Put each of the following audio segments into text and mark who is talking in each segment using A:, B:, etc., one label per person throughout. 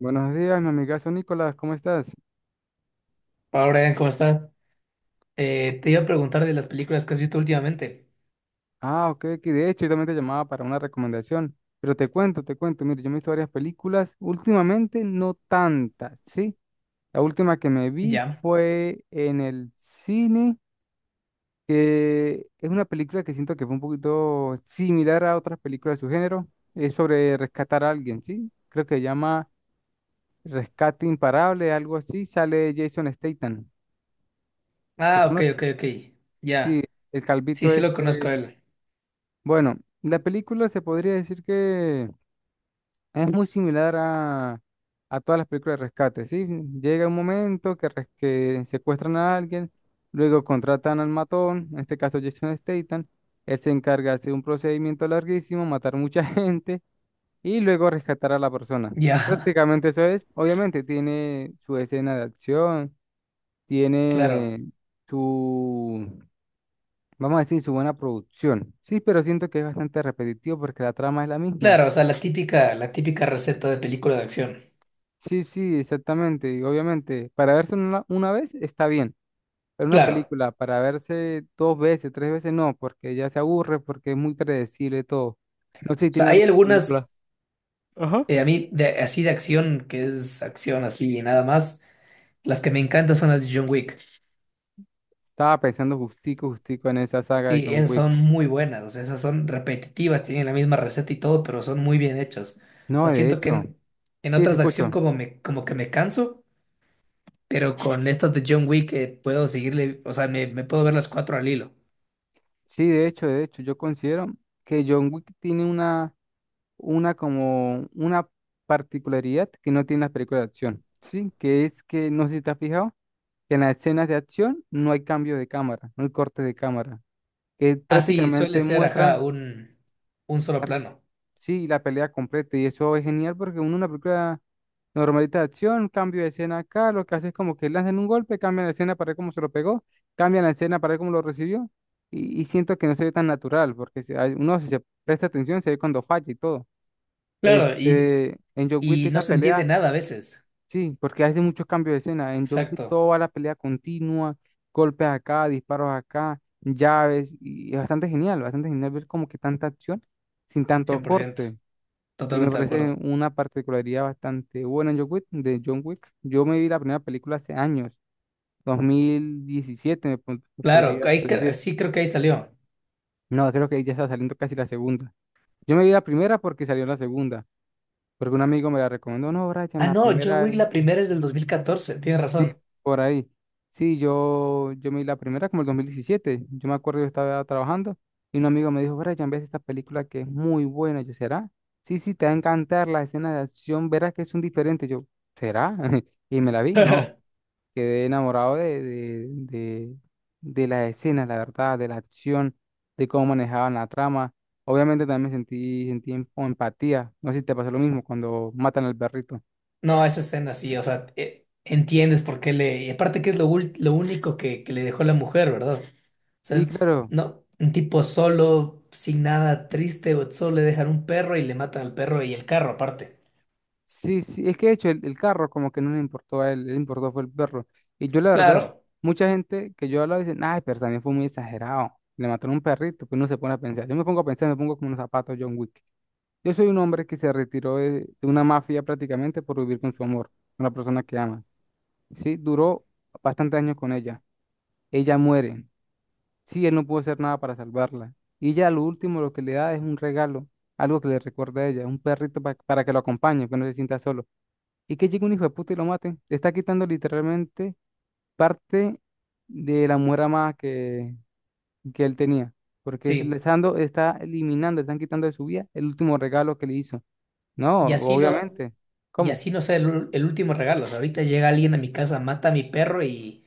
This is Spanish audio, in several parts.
A: Buenos días, mi amigazo Nicolás, ¿cómo estás?
B: Hola Brian, ¿cómo estás? Te iba a preguntar de las películas que has visto últimamente.
A: Ah, ok, que de hecho yo también te llamaba para una recomendación, pero te cuento, mire, yo me he visto varias películas, últimamente no tantas, ¿sí? La última que me vi
B: Ya.
A: fue en el cine, que es una película que siento que fue un poquito similar a otras películas de su género, es sobre rescatar a alguien, ¿sí? Creo que se llama Rescate Imparable, algo así, sale Jason Statham, ¿lo
B: Ah, ok,
A: conoces?
B: ok, ok.
A: Sí,
B: Ya.
A: el
B: Sí,
A: calvito
B: sí lo conozco a
A: este...
B: él.
A: Bueno, la película se podría decir que es muy similar a todas las películas de rescate, ¿sí? Llega un momento que, que secuestran a alguien, luego contratan al matón, en este caso Jason Statham, él se encarga de hacer un procedimiento larguísimo, matar mucha gente y luego rescatar a la persona.
B: Ya.
A: Prácticamente eso es, obviamente tiene su escena de acción,
B: Claro.
A: tiene vamos a decir su buena producción. Sí, pero siento que es bastante repetitivo porque la trama es la misma.
B: Claro, o sea, la típica receta de película de acción.
A: Sí, sí, exactamente. Y obviamente, para verse una vez está bien, pero una
B: Claro.
A: película para verse dos veces, tres veces no, porque ya se aburre, porque es muy predecible todo. No sé si
B: O sea,
A: tiene
B: hay
A: alguna película.
B: algunas,
A: Ajá.
B: a mí, así de acción, que es acción así y nada más. Las que me encantan son las de John Wick.
A: Estaba pensando justico, justico en esa saga de
B: Sí,
A: John
B: esas
A: Wick.
B: son muy buenas. O sea, esas son repetitivas, tienen la misma receta y todo, pero son muy bien hechas. O
A: No,
B: sea,
A: de
B: siento que
A: hecho,
B: en
A: sí, te
B: otras de acción
A: escucho.
B: como, como que me canso. Pero con estas de John Wick puedo seguirle, o sea, me puedo ver las cuatro al hilo.
A: Sí, de hecho, yo considero que John Wick tiene una particularidad que no tiene las películas de acción, ¿sí? Que es que, no sé si te has fijado, que en las escenas de acción no hay cambio de cámara, no hay corte de cámara, que
B: Así suele
A: prácticamente
B: ser, ajá,
A: muestran,
B: un solo plano.
A: sí, la pelea completa y eso es genial porque uno en una película normalita de acción, cambio de escena acá, lo que hace es como que lanzan un golpe, cambian la escena para ver cómo se lo pegó, cambian la escena para ver cómo lo recibió y siento que no se ve tan natural porque si hay- uno si se presta atención se ve cuando falla y todo.
B: Claro, y,
A: Este, en John Wick
B: y
A: es
B: no
A: la
B: se entiende
A: pelea.
B: nada a veces.
A: Sí, porque hace muchos cambios de escena. En John Wick
B: Exacto,
A: todo va a la pelea continua, golpes acá, disparos acá, llaves, y es bastante genial ver como que tanta acción sin tanto
B: 100%.
A: corte. Y me
B: Totalmente de
A: parece
B: acuerdo.
A: una particularidad bastante buena en John Wick, de John Wick. Yo me vi la primera película hace años, 2017 me
B: Claro,
A: podría
B: ahí
A: decir.
B: sí creo que ahí salió.
A: No, creo que ya está saliendo casi la segunda. Yo me vi la primera porque salió la segunda, porque un amigo me la recomendó, no, Brian,
B: Ah,
A: la
B: no, John
A: primera.
B: Wick la primera es del 2014, tienes
A: Sí,
B: razón.
A: por ahí. Sí, yo me vi la primera como el 2017. Yo me acuerdo, yo estaba trabajando y un amigo me dijo, Brian, ves esta película que es muy buena. Yo, ¿será? Sí, sí, te va a encantar la escena de acción, verás que es un diferente. Yo, ¿será? Y me la vi, no. Quedé enamorado de las escenas, la verdad, de la acción, de cómo manejaban la trama. Obviamente también me sentí empatía. No sé si te pasó lo mismo cuando matan al perrito.
B: No, esa escena sí, o sea, entiendes por qué le. Y aparte que es lo único que le dejó la mujer, ¿verdad? Sea,
A: Sí, claro.
B: no, un tipo solo, sin nada, triste, o solo le dejan un perro y le matan al perro y el carro aparte.
A: Sí, sí, es que de hecho el carro como que no le importó a él, le importó fue el perro. Y yo la verdad,
B: Claro,
A: mucha gente que yo hablaba dicen, ay, pero también fue muy exagerado. Le mataron un perrito, pues uno se pone a pensar. Yo me pongo a pensar, me pongo como unos zapatos John Wick. Yo soy un hombre que se retiró de una mafia prácticamente por vivir con su amor, con la persona que ama. Sí, duró bastantes años con ella. Ella muere. Sí, él no pudo hacer nada para salvarla. Y ya lo último, lo que le da es un regalo, algo que le recuerda a ella, un perrito para que lo acompañe, que no se sienta solo. Y que llegue un hijo de puta y lo mate. Le está quitando literalmente parte de la mujer amada que él tenía. Porque se le
B: sí.
A: está dando, está eliminando, le están quitando de su vida el último regalo que le hizo. No,
B: Y así no,
A: obviamente.
B: y
A: ¿Cómo?
B: así no sea el último regalo. O sea, ahorita llega alguien a mi casa, mata a mi perro y,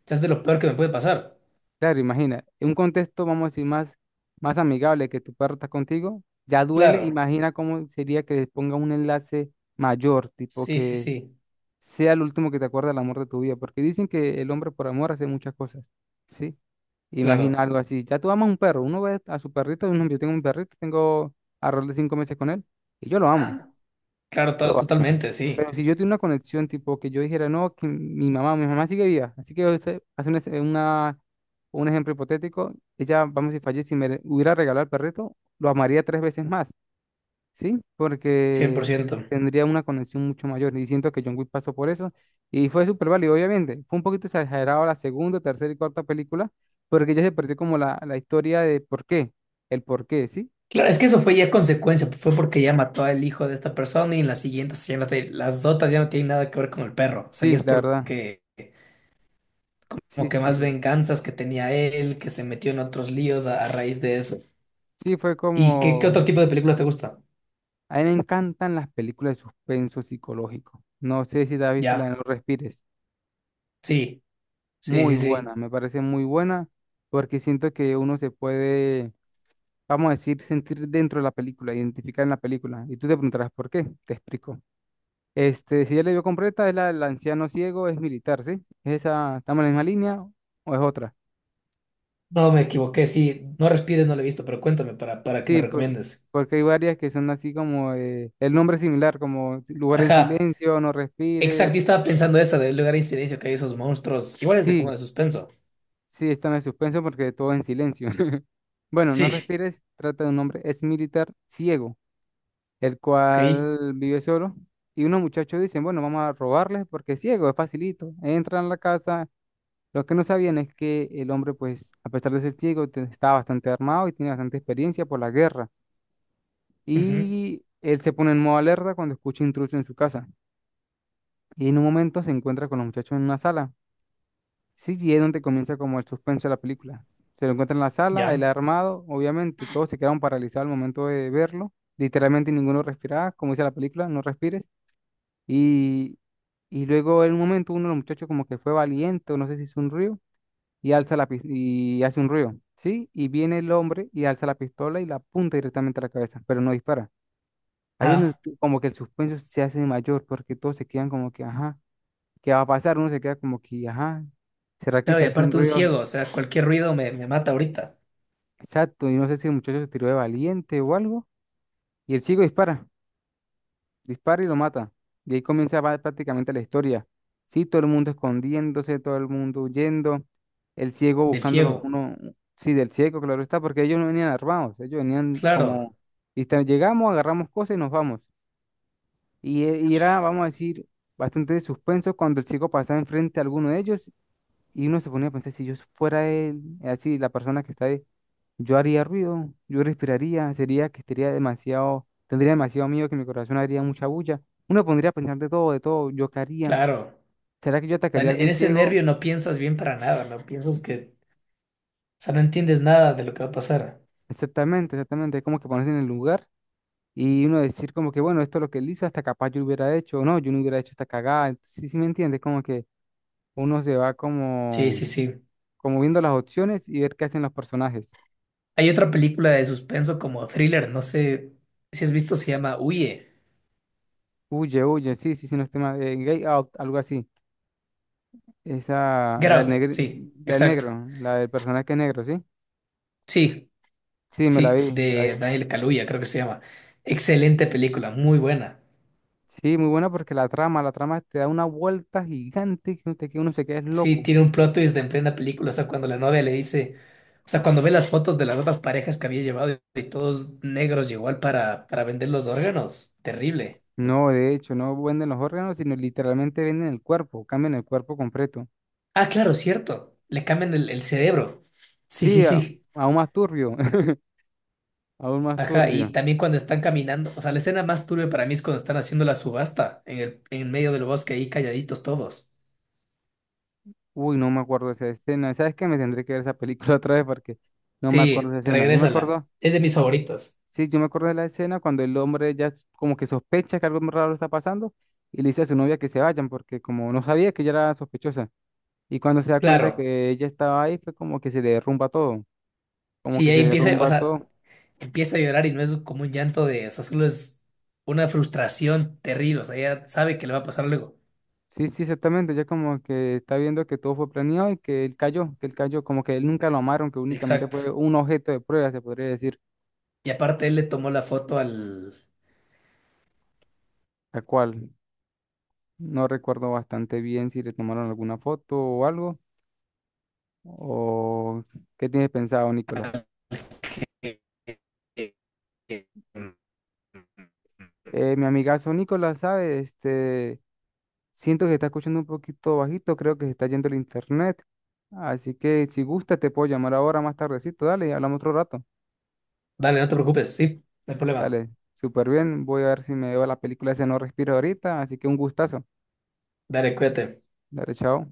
B: o sea, es de lo peor que me puede pasar.
A: Claro, imagina. En un contexto, vamos a decir, más amigable que tu perro está contigo, ya duele.
B: Claro,
A: Imagina cómo sería que le ponga un enlace mayor, tipo
B: sí, sí,
A: que
B: sí,
A: sea el último que te acuerda del amor de tu vida. Porque dicen que el hombre por amor hace muchas cosas. ¿Sí? Imagina
B: claro.
A: algo así. Ya tú amas un perro. Uno ve a su perrito. Yo tengo un perrito, tengo alrededor de 5 meses con él. Y yo lo amo.
B: Ah, claro,
A: Lo amo.
B: totalmente,
A: Pero
B: sí,
A: si yo tengo una conexión, tipo que yo dijera, no, que mi mamá sigue viva. Así que usted hace un ejemplo hipotético. Ella, vamos, si fallece y hubiera regalado al perrito, lo amaría tres veces más. Sí,
B: cien por
A: porque
B: ciento.
A: tendría una conexión mucho mayor. Y siento que John Wick pasó por eso. Y fue súper válido, obviamente. Fue un poquito exagerado la segunda, tercera y cuarta película, porque ya se perdió como la historia de por qué. El por qué, ¿sí?
B: Claro, es que eso fue ya consecuencia, fue porque ya mató al hijo de esta persona y en las siguientes ya no las otras ya no tienen nada que ver con el perro. O sea,
A: Sí,
B: ya es
A: la verdad.
B: porque
A: Sí,
B: como que más
A: sí.
B: venganzas que tenía él, que se metió en otros líos a raíz de eso.
A: Sí, fue
B: ¿Y qué otro
A: como...
B: tipo de película te gusta?
A: A mí me encantan las películas de suspenso psicológico. No sé si te has visto la de
B: Ya,
A: No Respires.
B: sí, sí,
A: Muy
B: sí, sí.
A: buena, me parece muy buena, porque siento que uno se puede vamos a decir, sentir dentro de la película, identificar en la película. Y tú te preguntarás por qué, te explico. Este, si ya la vio completa, es la del anciano ciego, es militar, ¿sí? ¿Es esa, estamos en la misma línea o es otra?
B: No me equivoqué, sí. No respires, no lo he visto, pero cuéntame para, que me
A: Sí,
B: recomiendes.
A: porque hay varias que son así como el nombre es similar, como si, lugar en
B: Ajá,
A: silencio, no respires.
B: exacto, yo estaba pensando esa del lugar de incidencia que hay esos monstruos. Igual es de
A: Sí,
B: como de suspenso.
A: sí, está en suspenso porque todo en silencio. Bueno, no
B: Sí,
A: respires, trata de un hombre, es militar ciego el
B: ok.
A: cual vive solo. Y unos muchachos dicen, bueno, vamos a robarles porque es ciego, es facilito. Entran a la casa. Lo que no sabían es que el hombre, pues, a pesar de ser ciego, estaba bastante armado y tiene bastante experiencia por la guerra.
B: Ujú.
A: Y él se pone en modo alerta cuando escucha intruso en su casa. Y en un momento se encuentra con los muchachos en una sala. Sí, y es donde comienza como el suspenso de la película. Se lo encuentra en la sala, él
B: Ya.
A: armado, obviamente, todos se quedaron paralizados al momento de verlo. Literalmente ninguno respiraba, como dice la película, no respires. Y, y luego en un momento uno de los muchachos como que fue valiente, o no sé si hizo un ruido, y hace un ruido, ¿sí? Y viene el hombre y alza la pistola y la apunta directamente a la cabeza, pero no dispara. Ahí es donde
B: Ajá.
A: como que el suspenso se hace mayor, porque todos se quedan como que, ajá, ¿qué va a pasar? Uno se queda como que, ajá, ¿será que
B: Claro,
A: se
B: y
A: hace un
B: aparte un
A: ruido?
B: ciego, o sea, cualquier ruido me mata ahorita.
A: Exacto, y no sé si el muchacho se tiró de valiente o algo, y el chico dispara. Dispara y lo mata. Y ahí comienza prácticamente la historia. Sí, todo el mundo escondiéndose, todo el mundo huyendo, el ciego
B: Del
A: buscando los
B: ciego.
A: uno, sí, del ciego, claro está, porque ellos no venían armados, ellos venían
B: Claro,
A: como, y llegamos, agarramos cosas y nos vamos. Y, y era, vamos a decir, bastante de suspenso cuando el ciego pasaba enfrente a alguno de ellos y uno se ponía a pensar, si yo fuera él, así, la persona que está yo haría ruido, yo respiraría, sería que estaría demasiado, tendría demasiado miedo que mi corazón haría mucha bulla. Uno pondría a pensar de todo, yo qué haría.
B: claro.
A: ¿Será que yo
B: Sea,
A: atacaría a
B: en
A: alguien
B: ese
A: ciego?
B: nervio no piensas bien para nada, no piensas que, o sea, no entiendes nada de lo que va a pasar.
A: Exactamente, exactamente, es como que ponerse en el lugar y uno decir como que, bueno, esto es lo que él hizo, hasta capaz yo lo hubiera hecho, o no, yo no hubiera hecho esta cagada. Sí, sí me entiendes, como que uno se va
B: Sí,
A: como,
B: sí, sí.
A: como viendo las opciones y ver qué hacen los personajes.
B: Hay otra película de suspenso como thriller, no sé si has visto, se llama Huye.
A: Huye, huye, sí, sí, sí, no es tema de gay out, algo así. Esa,
B: Get
A: la del
B: Out,
A: negro,
B: sí,
A: la del
B: exacto.
A: negro, la del personaje que es negro, ¿sí?
B: Sí,
A: Sí, me la
B: sí,
A: vi, me la
B: de
A: vi.
B: Daniel Kaluuya, creo que se llama. Excelente película, muy buena.
A: Sí, muy buena porque la trama te da una vuelta gigante que, usted, que uno se queda es
B: Sí,
A: loco.
B: tiene un plot twist en plena película, o sea, cuando la novia le dice, o sea, cuando ve las fotos de las otras parejas que había llevado y todos negros, llegó igual para vender los órganos, terrible.
A: No, de hecho, no venden los órganos, sino literalmente venden el cuerpo, cambian el cuerpo completo.
B: Ah, claro, cierto. Le cambian el cerebro. Sí,
A: Sí,
B: sí, sí.
A: aún más turbio, aún más
B: Ajá, y
A: turbio.
B: también cuando están caminando. O sea, la escena más turbia para mí es cuando están haciendo la subasta en medio del bosque ahí calladitos todos.
A: Uy, no me acuerdo de esa escena. ¿Sabes qué? Me tendré que ver esa película otra vez porque no me acuerdo
B: Sí,
A: de esa escena. Yo me
B: regrésala.
A: acuerdo,
B: Es de mis
A: eh,
B: favoritos.
A: sí, yo me acuerdo de la escena cuando el hombre ya como que sospecha que algo raro está pasando y le dice a su novia que se vayan porque como no sabía que ella era sospechosa. Y cuando se da cuenta
B: Claro.
A: que ella estaba ahí, fue como que se le derrumba todo, como
B: Sí,
A: que
B: ahí
A: se
B: empieza, o
A: derrumba
B: sea,
A: todo.
B: empieza a llorar y no es como un llanto de, o sea, solo es una frustración terrible. O sea, ella sabe que le va a pasar luego.
A: Sí, sí, exactamente, ya como que está viendo que todo fue planeado y que él cayó, como que él nunca lo amaron, que únicamente
B: Exacto.
A: fue un objeto de prueba, se podría decir,
B: Y aparte él le tomó la foto al.
A: la cual no recuerdo bastante bien si le tomaron alguna foto o algo, o qué tienes pensado, Nicolás. Mi amigazo Nicolás, ¿sabe? Este... Siento que se está escuchando un poquito bajito, creo que se está yendo el internet. Así que si gusta, te puedo llamar ahora más tardecito, dale, y hablamos otro rato.
B: Dale, no te preocupes, sí, no hay problema.
A: Dale, súper bien. Voy a ver si me veo la película ese No Respiro ahorita, así que un gustazo.
B: Dale, cuídate.
A: Dale, chao.